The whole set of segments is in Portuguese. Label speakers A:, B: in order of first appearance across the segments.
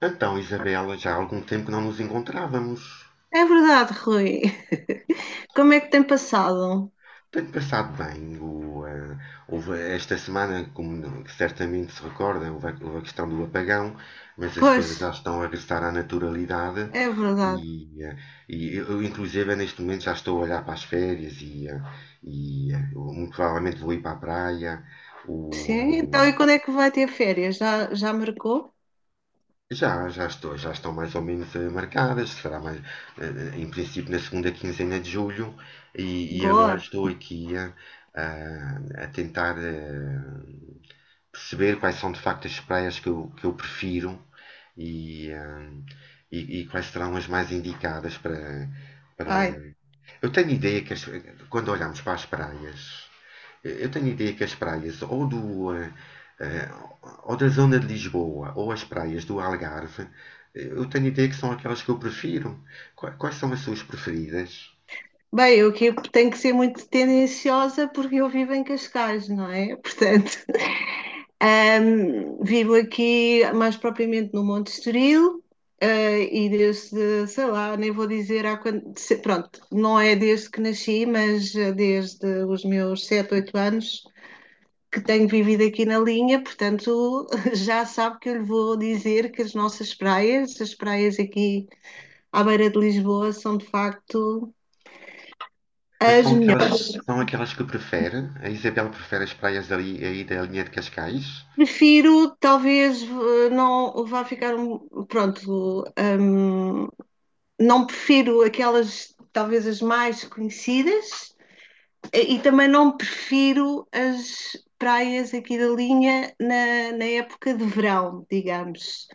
A: Então, Isabela, já há algum tempo que não nos encontrávamos.
B: É verdade, Rui. Como é que tem passado?
A: Tenho passado bem. Houve esta semana, como certamente se recorda, houve a questão do apagão, mas as
B: Pois,
A: coisas já estão a regressar à naturalidade
B: é
A: e,
B: verdade.
A: eh, e eu inclusive, neste momento já estou a olhar para as férias e eu muito provavelmente vou ir para a praia. O,
B: Sim,
A: ah,
B: então e quando é que vai ter férias? Já marcou?
A: Já estou, já estão mais ou menos marcadas, será mais, em princípio na segunda quinzena de julho e agora
B: Boa.
A: estou aqui a tentar perceber quais são de facto as praias que que eu prefiro e, eh, e e quais serão as mais indicadas para, para...
B: Ai.
A: Eu tenho ideia quando olhamos para as praias eu tenho a ideia que as praias ou eh, ou da zona de Lisboa ou as praias do Algarve, eu tenho a ideia que são aquelas que eu prefiro. Quais são as suas preferidas?
B: Bem, eu aqui tenho que ser muito tendenciosa porque eu vivo em Cascais, não é? Portanto, vivo aqui mais propriamente no Monte Estoril. E desde, sei lá, nem vou dizer há quando, pronto, não é desde que nasci, mas desde os meus 7, 8 anos que tenho vivido aqui na linha. Portanto, já sabe que eu lhe vou dizer que as nossas praias, as praias aqui à beira de Lisboa, são de facto
A: Mas
B: as
A: são aquelas,
B: melhores.
A: são aquelas que prefere? A Isabel prefere as praias ali aí da linha de Cascais?
B: Prefiro, talvez, não vá ficar, pronto, hum, não prefiro aquelas, talvez as mais conhecidas. E também não prefiro as praias aqui da linha na, na época de verão, digamos.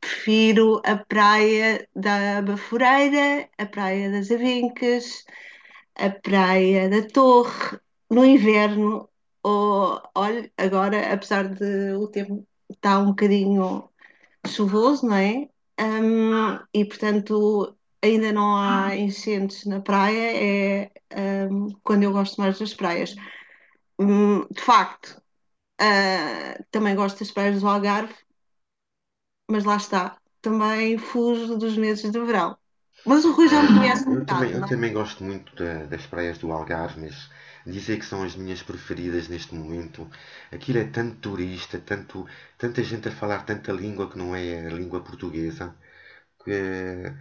B: Prefiro a praia da Baforeira, a praia das Avencas, a praia da Torre, no inverno. Ou, olha, agora, apesar de o tempo estar um bocadinho chuvoso, não é? Hum. E portanto ainda não há incêndios na praia, é quando eu gosto mais das praias. Hum. De facto, também gosto das praias do Algarve, mas lá está, também fujo dos meses de verão. Mas o Rui já me
A: É,
B: conhece um bocado,
A: eu
B: não é?
A: também gosto muito das praias do Algarve, mas dizer que são as minhas preferidas neste momento. Aquilo é tanto turista, tanto, tanta gente a falar tanta língua que não é a língua portuguesa, que eh,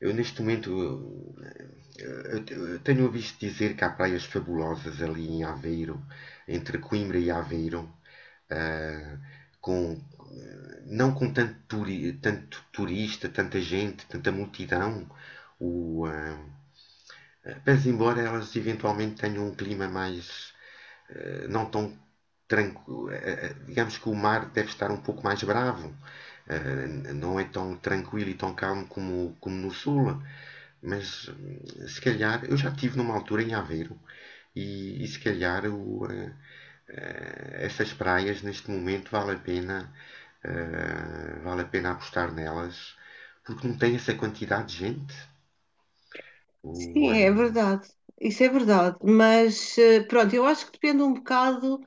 A: eu neste momento eu tenho ouvido dizer que há praias fabulosas ali em Aveiro, entre Coimbra e Aveiro ah, com, não com tanto, tanto turista, tanta gente, tanta multidão. O, ah, mas embora elas eventualmente tenham um clima mais não tão tranquilo. Digamos que o mar deve estar um pouco mais bravo, não é tão tranquilo e tão calmo como no sul. Mas se calhar, eu já estive numa altura em Aveiro e se calhar essas praias neste momento vale a pena, vale a pena apostar nelas porque não tem essa quantidade de gente. O,
B: Sim, é
A: eh,
B: verdade. Isso é verdade. Mas pronto, eu acho que depende um bocado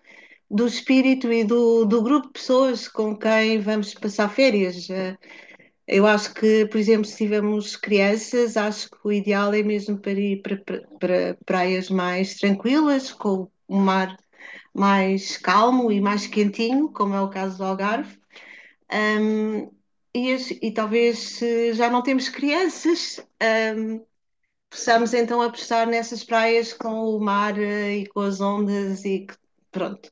B: do espírito e do, do grupo de pessoas com quem vamos passar férias. Eu acho que, por exemplo, se tivermos crianças, acho que o ideal é mesmo para ir para praias mais tranquilas, com o mar mais calmo e mais quentinho, como é o caso do Algarve. E, e talvez se já não temos crianças, possamos então apostar nessas praias com o mar e com as ondas e pronto,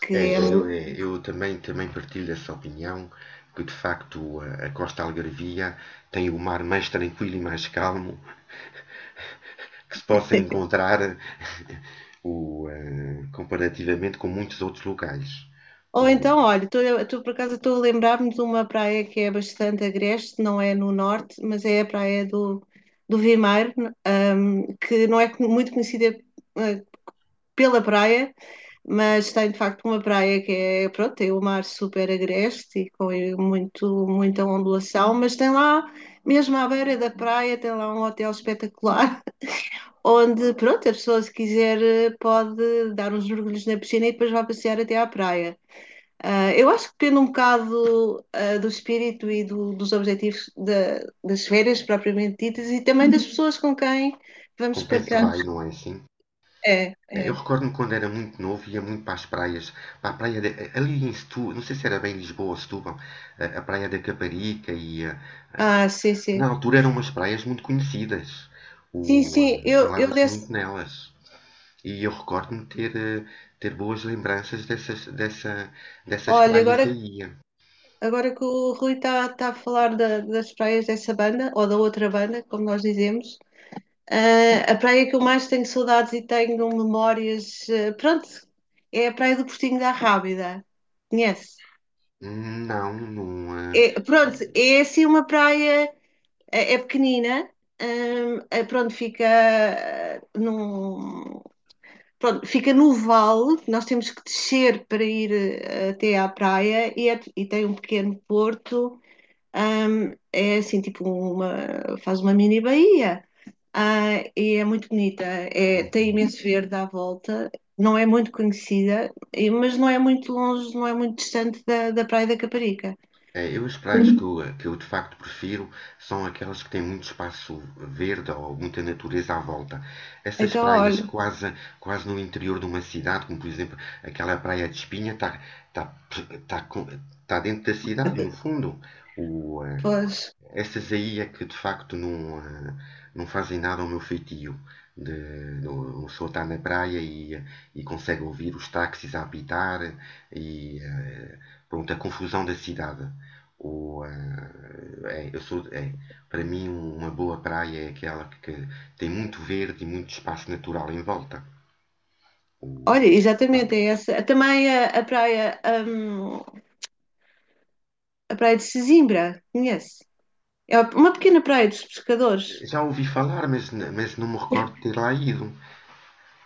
B: que é.
A: É, eu também, também partilho essa opinião, que de facto a Costa Algarvia tem o mar mais tranquilo e mais calmo que se possa encontrar comparativamente com muitos outros locais.
B: Ou
A: O-
B: então, olha, estou por acaso estou a lembrar-me de uma praia que é bastante agreste, não é no norte, mas é a praia do Vimeiro, que não é muito conhecida eh, pela praia, mas tem de facto uma praia que é, pronto, tem o mar super agreste e com muito, muita ondulação, mas tem lá, mesmo à beira da praia, tem lá um hotel espetacular, onde, pronto, a pessoa se quiser pode dar uns mergulhos na piscina e depois vai passear até à praia. Eu acho que depende um bocado, do espírito e dos objetivos das férias propriamente ditas e também das pessoas com quem vamos
A: com quem se
B: partilhar.
A: vai, não é assim?
B: É,
A: Eu
B: é.
A: recordo-me quando era muito novo, ia muito para as praias, para a praia ali em Setúbal, não sei se era bem Lisboa ou Setúbal, a praia da Caparica e
B: Ah, sim, sim.
A: na altura eram umas praias muito conhecidas.
B: Sim, sim, eu
A: Falava-se
B: desse.
A: muito nelas. E eu recordo-me de ter boas lembranças dessas
B: Olha,
A: praias
B: agora,
A: aí.
B: agora que o Rui está a falar das praias dessa banda, ou da outra banda, como nós dizemos. A praia que eu mais tenho saudades e tenho memórias, pronto, é a Praia do Portinho da Rábida. Conhece?
A: Hum. Não, não.
B: Pronto, é assim uma praia, é pequenina. Pronto, fica pronto, fica no vale. Nós temos que descer para ir até à praia, e, e tem um pequeno porto. É assim, tipo, faz uma mini baía. E é muito bonita. É, tem
A: Uhum.
B: imenso verde à volta. Não é muito conhecida, mas não é muito longe, não é muito distante da Praia da Caparica.
A: Eu as praias que que eu de facto prefiro são aquelas que têm muito espaço verde ou muita natureza à volta. Essas
B: Então,
A: praias
B: olha.
A: quase, quase no interior de uma cidade, como por exemplo aquela praia de Espinha, está tá, tá, com- tá dentro da cidade, no fundo. O, eh,
B: Pois.
A: Essas aí é que de facto não fazem nada ao meu feitio. De, o está na praia e consegue ouvir os táxis a apitar e pronto, a confusão da cidade. Ou, eh, é, eu sou, é, para mim, uma boa praia é aquela que tem muito verde e muito espaço natural em volta. O-
B: Olha,
A: eh,
B: exatamente, é essa. Também a a praia de Sesimbra, conhece? É uma pequena praia dos pescadores.
A: Já ouvi falar, mas não me recordo de ter lá ido.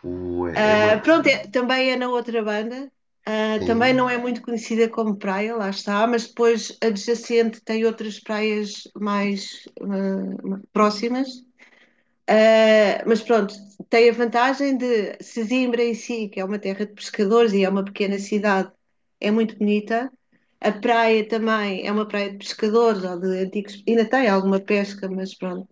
A: O, eh, é uma,
B: Pronto, também é na outra banda. Também
A: Sim.
B: não é muito conhecida como praia, lá está, mas depois adjacente tem outras praias mais próximas. Mas pronto, tem a vantagem de Sesimbra em si, que é uma terra de pescadores e é uma pequena cidade, é muito bonita. A praia também é uma praia de pescadores ou de antigos, ainda tem alguma pesca, mas pronto.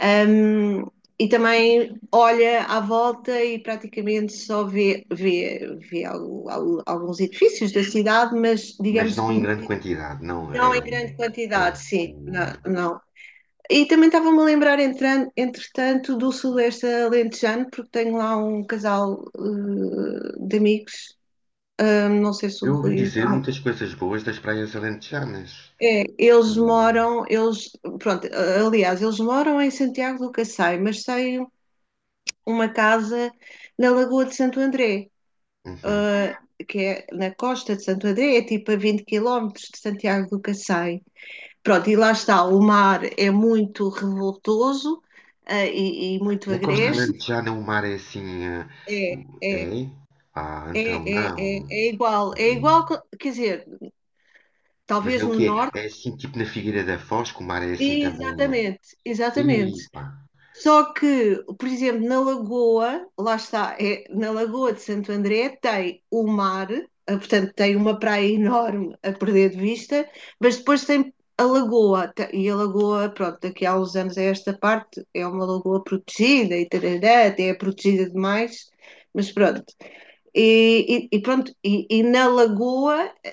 B: Ahm, e também olha à volta e praticamente só vê alguns edifícios da cidade, mas
A: Mas
B: digamos
A: não
B: que
A: em grande quantidade, não.
B: não em grande
A: É,
B: quantidade, sim,
A: o-
B: não, não. E também estava-me a lembrar, entretanto, do Sudoeste Alentejano, porque tenho lá um casal de amigos. Não sei se o
A: eu ouvi
B: Rui
A: dizer
B: já...
A: muitas coisas boas das praias alentejanas.
B: É,
A: O-
B: pronto, aliás, eles moram em Santiago do Cacém, mas sei uma casa na Lagoa de Santo André,
A: uhum.
B: que é na costa de Santo André, é tipo a 20 quilómetros de Santiago do Cacém. Pronto, e lá está, o mar é muito revoltoso, e muito
A: Na costa
B: agreste.
A: alentejana o mar é assim.
B: É, é, é,
A: É? Ah, então não.
B: é, é, é
A: É.
B: igual, quer dizer,
A: Mas é
B: talvez
A: o
B: no
A: quê? É
B: norte.
A: assim, tipo na Figueira da Foz, que o mar é assim também. Eh?
B: Exatamente, exatamente.
A: Ih, pá,
B: Só que, por exemplo, na Lagoa, lá está, é, na Lagoa de Santo André tem o mar. Portanto tem uma praia enorme a perder de vista, mas depois tem a Lagoa, e a Lagoa, pronto, daqui a uns anos a esta parte é uma lagoa protegida e tarará, até é protegida demais, mas pronto. E, e pronto, e na Lagoa é,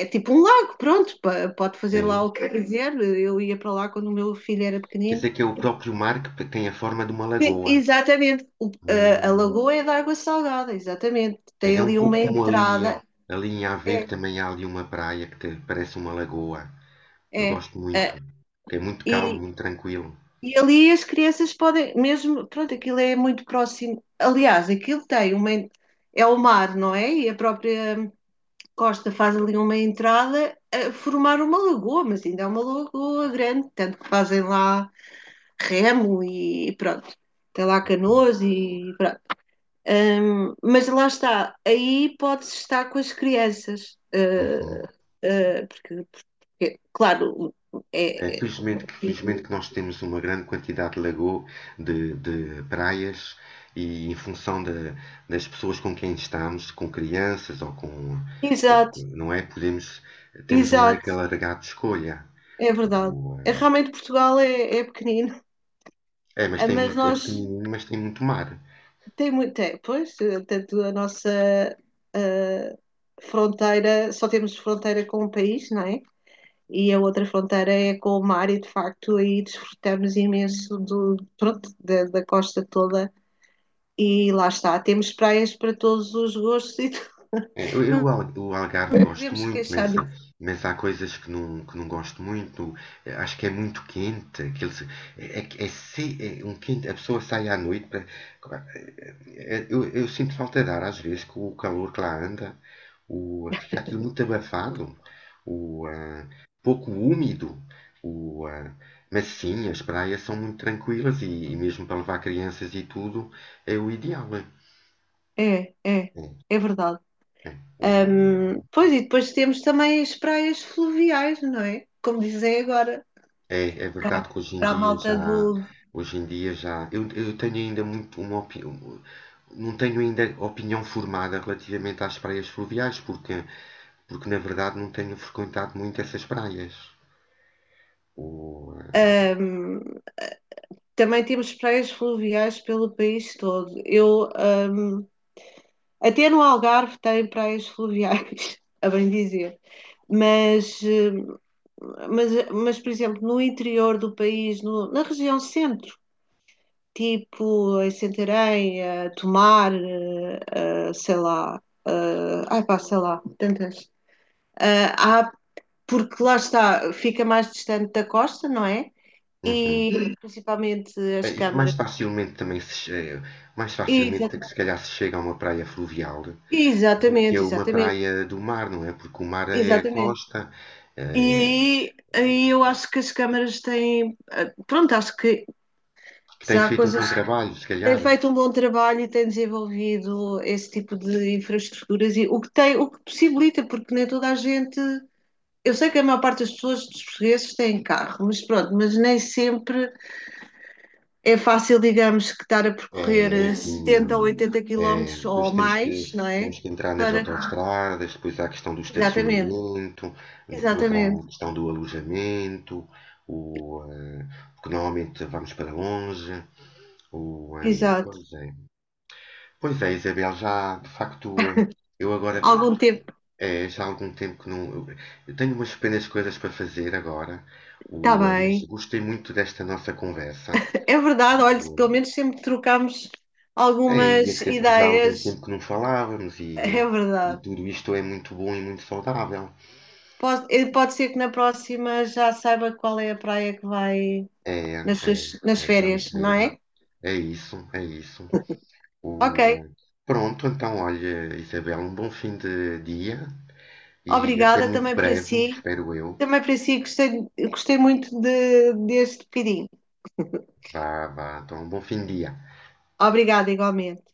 B: é tipo um lago, pronto, pode fazer lá
A: sim.
B: o que quiser, eu ia para lá quando o meu filho era
A: Quer dizer
B: pequenino.
A: que é o próprio mar que tem a forma de uma lagoa.
B: Exatamente. A
A: Hum.
B: lagoa é de água salgada, exatamente.
A: É
B: Tem
A: é um
B: ali
A: pouco
B: uma
A: como ali,
B: entrada.
A: ali em
B: É,
A: Aveiro também há ali uma praia que parece uma lagoa. Eu
B: é.
A: gosto muito.
B: É,
A: É muito calmo,
B: e,
A: muito tranquilo.
B: e ali as crianças podem, mesmo, pronto, aquilo é muito próximo. Aliás, aquilo tem uma. É o mar, não é? E a própria costa faz ali uma entrada a formar uma lagoa, mas ainda é uma lagoa grande, tanto que fazem lá remo e pronto. Tem lá canoas e pronto. Mas lá está, aí pode-se estar com as crianças,
A: Uhum.
B: porque, claro,
A: É,
B: é, é-
A: felizmente que nós temos uma grande quantidade de praias, e em função das pessoas com quem estamos, com crianças ou
B: exato,
A: com- não é? Podemos, temos um
B: exato,
A: leque alargado de escolha.
B: é verdade.
A: O,
B: É,
A: eh,
B: realmente Portugal é, é pequenino.
A: É, mas tem
B: Mas
A: muito, é
B: nós
A: pequenino, mas tem muito mar.
B: tem muito, é, pois, tanto a nossa ah, fronteira, só temos fronteira com o país, não é? E a outra fronteira é com o mar e de facto aí desfrutamos imenso do, pronto, da costa toda. E lá está, temos praias para todos os gostos e tudo. Não
A: O Algarve gosto
B: podemos
A: muito,
B: queixar disso.
A: mas há coisas que não gosto muito. Acho que é muito quente. Aquele, se- É, é, é é um quente. A pessoa sai à noite para. Eu sinto falta de ar às vezes com o calor que lá anda. Fica aquilo muito abafado, o, ah, pouco úmido. O, ah, mas sim, as praias são muito tranquilas e mesmo para levar crianças e tudo é o ideal.
B: É, é, é verdade.
A: É, é, o,
B: Pois, e depois temos também as praias fluviais, não é? Como dizem agora,
A: É é
B: para
A: verdade que hoje em
B: a
A: dia
B: malta do.
A: já, hoje em dia já, eu tenho ainda muito uma opinião, não tenho ainda opinião formada relativamente às praias fluviais, porque, porque na verdade não tenho frequentado muito essas praias. O, eh,
B: Ahm, Também temos praias fluviais pelo país todo. Eu, até no Algarve tem praias fluviais, a bem dizer. Mas, eh, mas, por exemplo, no interior do país, na região centro, tipo em Santarém, a Tomar, sei lá, eh, ai pá, sei lá, tantas. Há, porque lá está, fica mais distante da costa, não é?
A: uhum.
B: E principalmente as
A: E mais
B: câmaras.
A: facilmente também se, che- mais facilmente é que
B: Exata-
A: se calhar se chega a uma praia fluvial do que
B: Exatamente,
A: a uma
B: exatamente,
A: praia do mar, não é? Porque o mar é a
B: exatamente.
A: costa,
B: E
A: eh,
B: aí eu acho que as câmaras têm. Pronto, acho que
A: que tem
B: já há
A: feito um
B: coisas.
A: bom trabalho, se
B: Tem
A: calhar.
B: feito um bom trabalho e tem desenvolvido esse tipo de infraestruturas, e o que tem, o que possibilita, porque nem toda a gente. Eu sei que a maior parte das pessoas, dos portugueses, têm carro, mas pronto, mas nem sempre é fácil, digamos, que estar a
A: É, é
B: percorrer
A: assim,
B: 70 ou 80
A: é,
B: quilómetros ou mais, não é?
A: temos que entrar nas
B: Para...
A: autoestradas, depois há a questão do
B: Exatamente,
A: estacionamento, depois há
B: exatamente,
A: a questão do alojamento, o, eh, porque normalmente vamos para longe. O, eh,
B: exato.
A: Pois é. Pois é, Isabel, já de facto, eu agora,
B: Algum tempo,
A: é, já há algum tempo que não. Eu tenho umas pequenas coisas para fazer agora,
B: está
A: mas
B: bem.
A: gostei muito desta nossa conversa.
B: É verdade, olha, pelo menos sempre trocámos
A: É, e
B: algumas
A: até porque já há algum
B: ideias,
A: tempo que não falávamos
B: é
A: e
B: verdade.
A: tudo isto é muito bom e muito saudável.
B: Pode ser que na próxima já saiba qual é a praia que vai
A: É,
B: nas
A: é,
B: suas, nas férias,
A: Vamos
B: não
A: ver.
B: é?
A: É isso, é isso.
B: Ok,
A: O, eh, Pronto, então, olha, Isabel, um bom fim de dia e até
B: obrigada
A: muito
B: também para
A: breve,
B: si.
A: espero eu.
B: Também para si, gostei muito deste pedido.
A: Vá, vá, então, um bom fim de dia.
B: Obrigada, igualmente.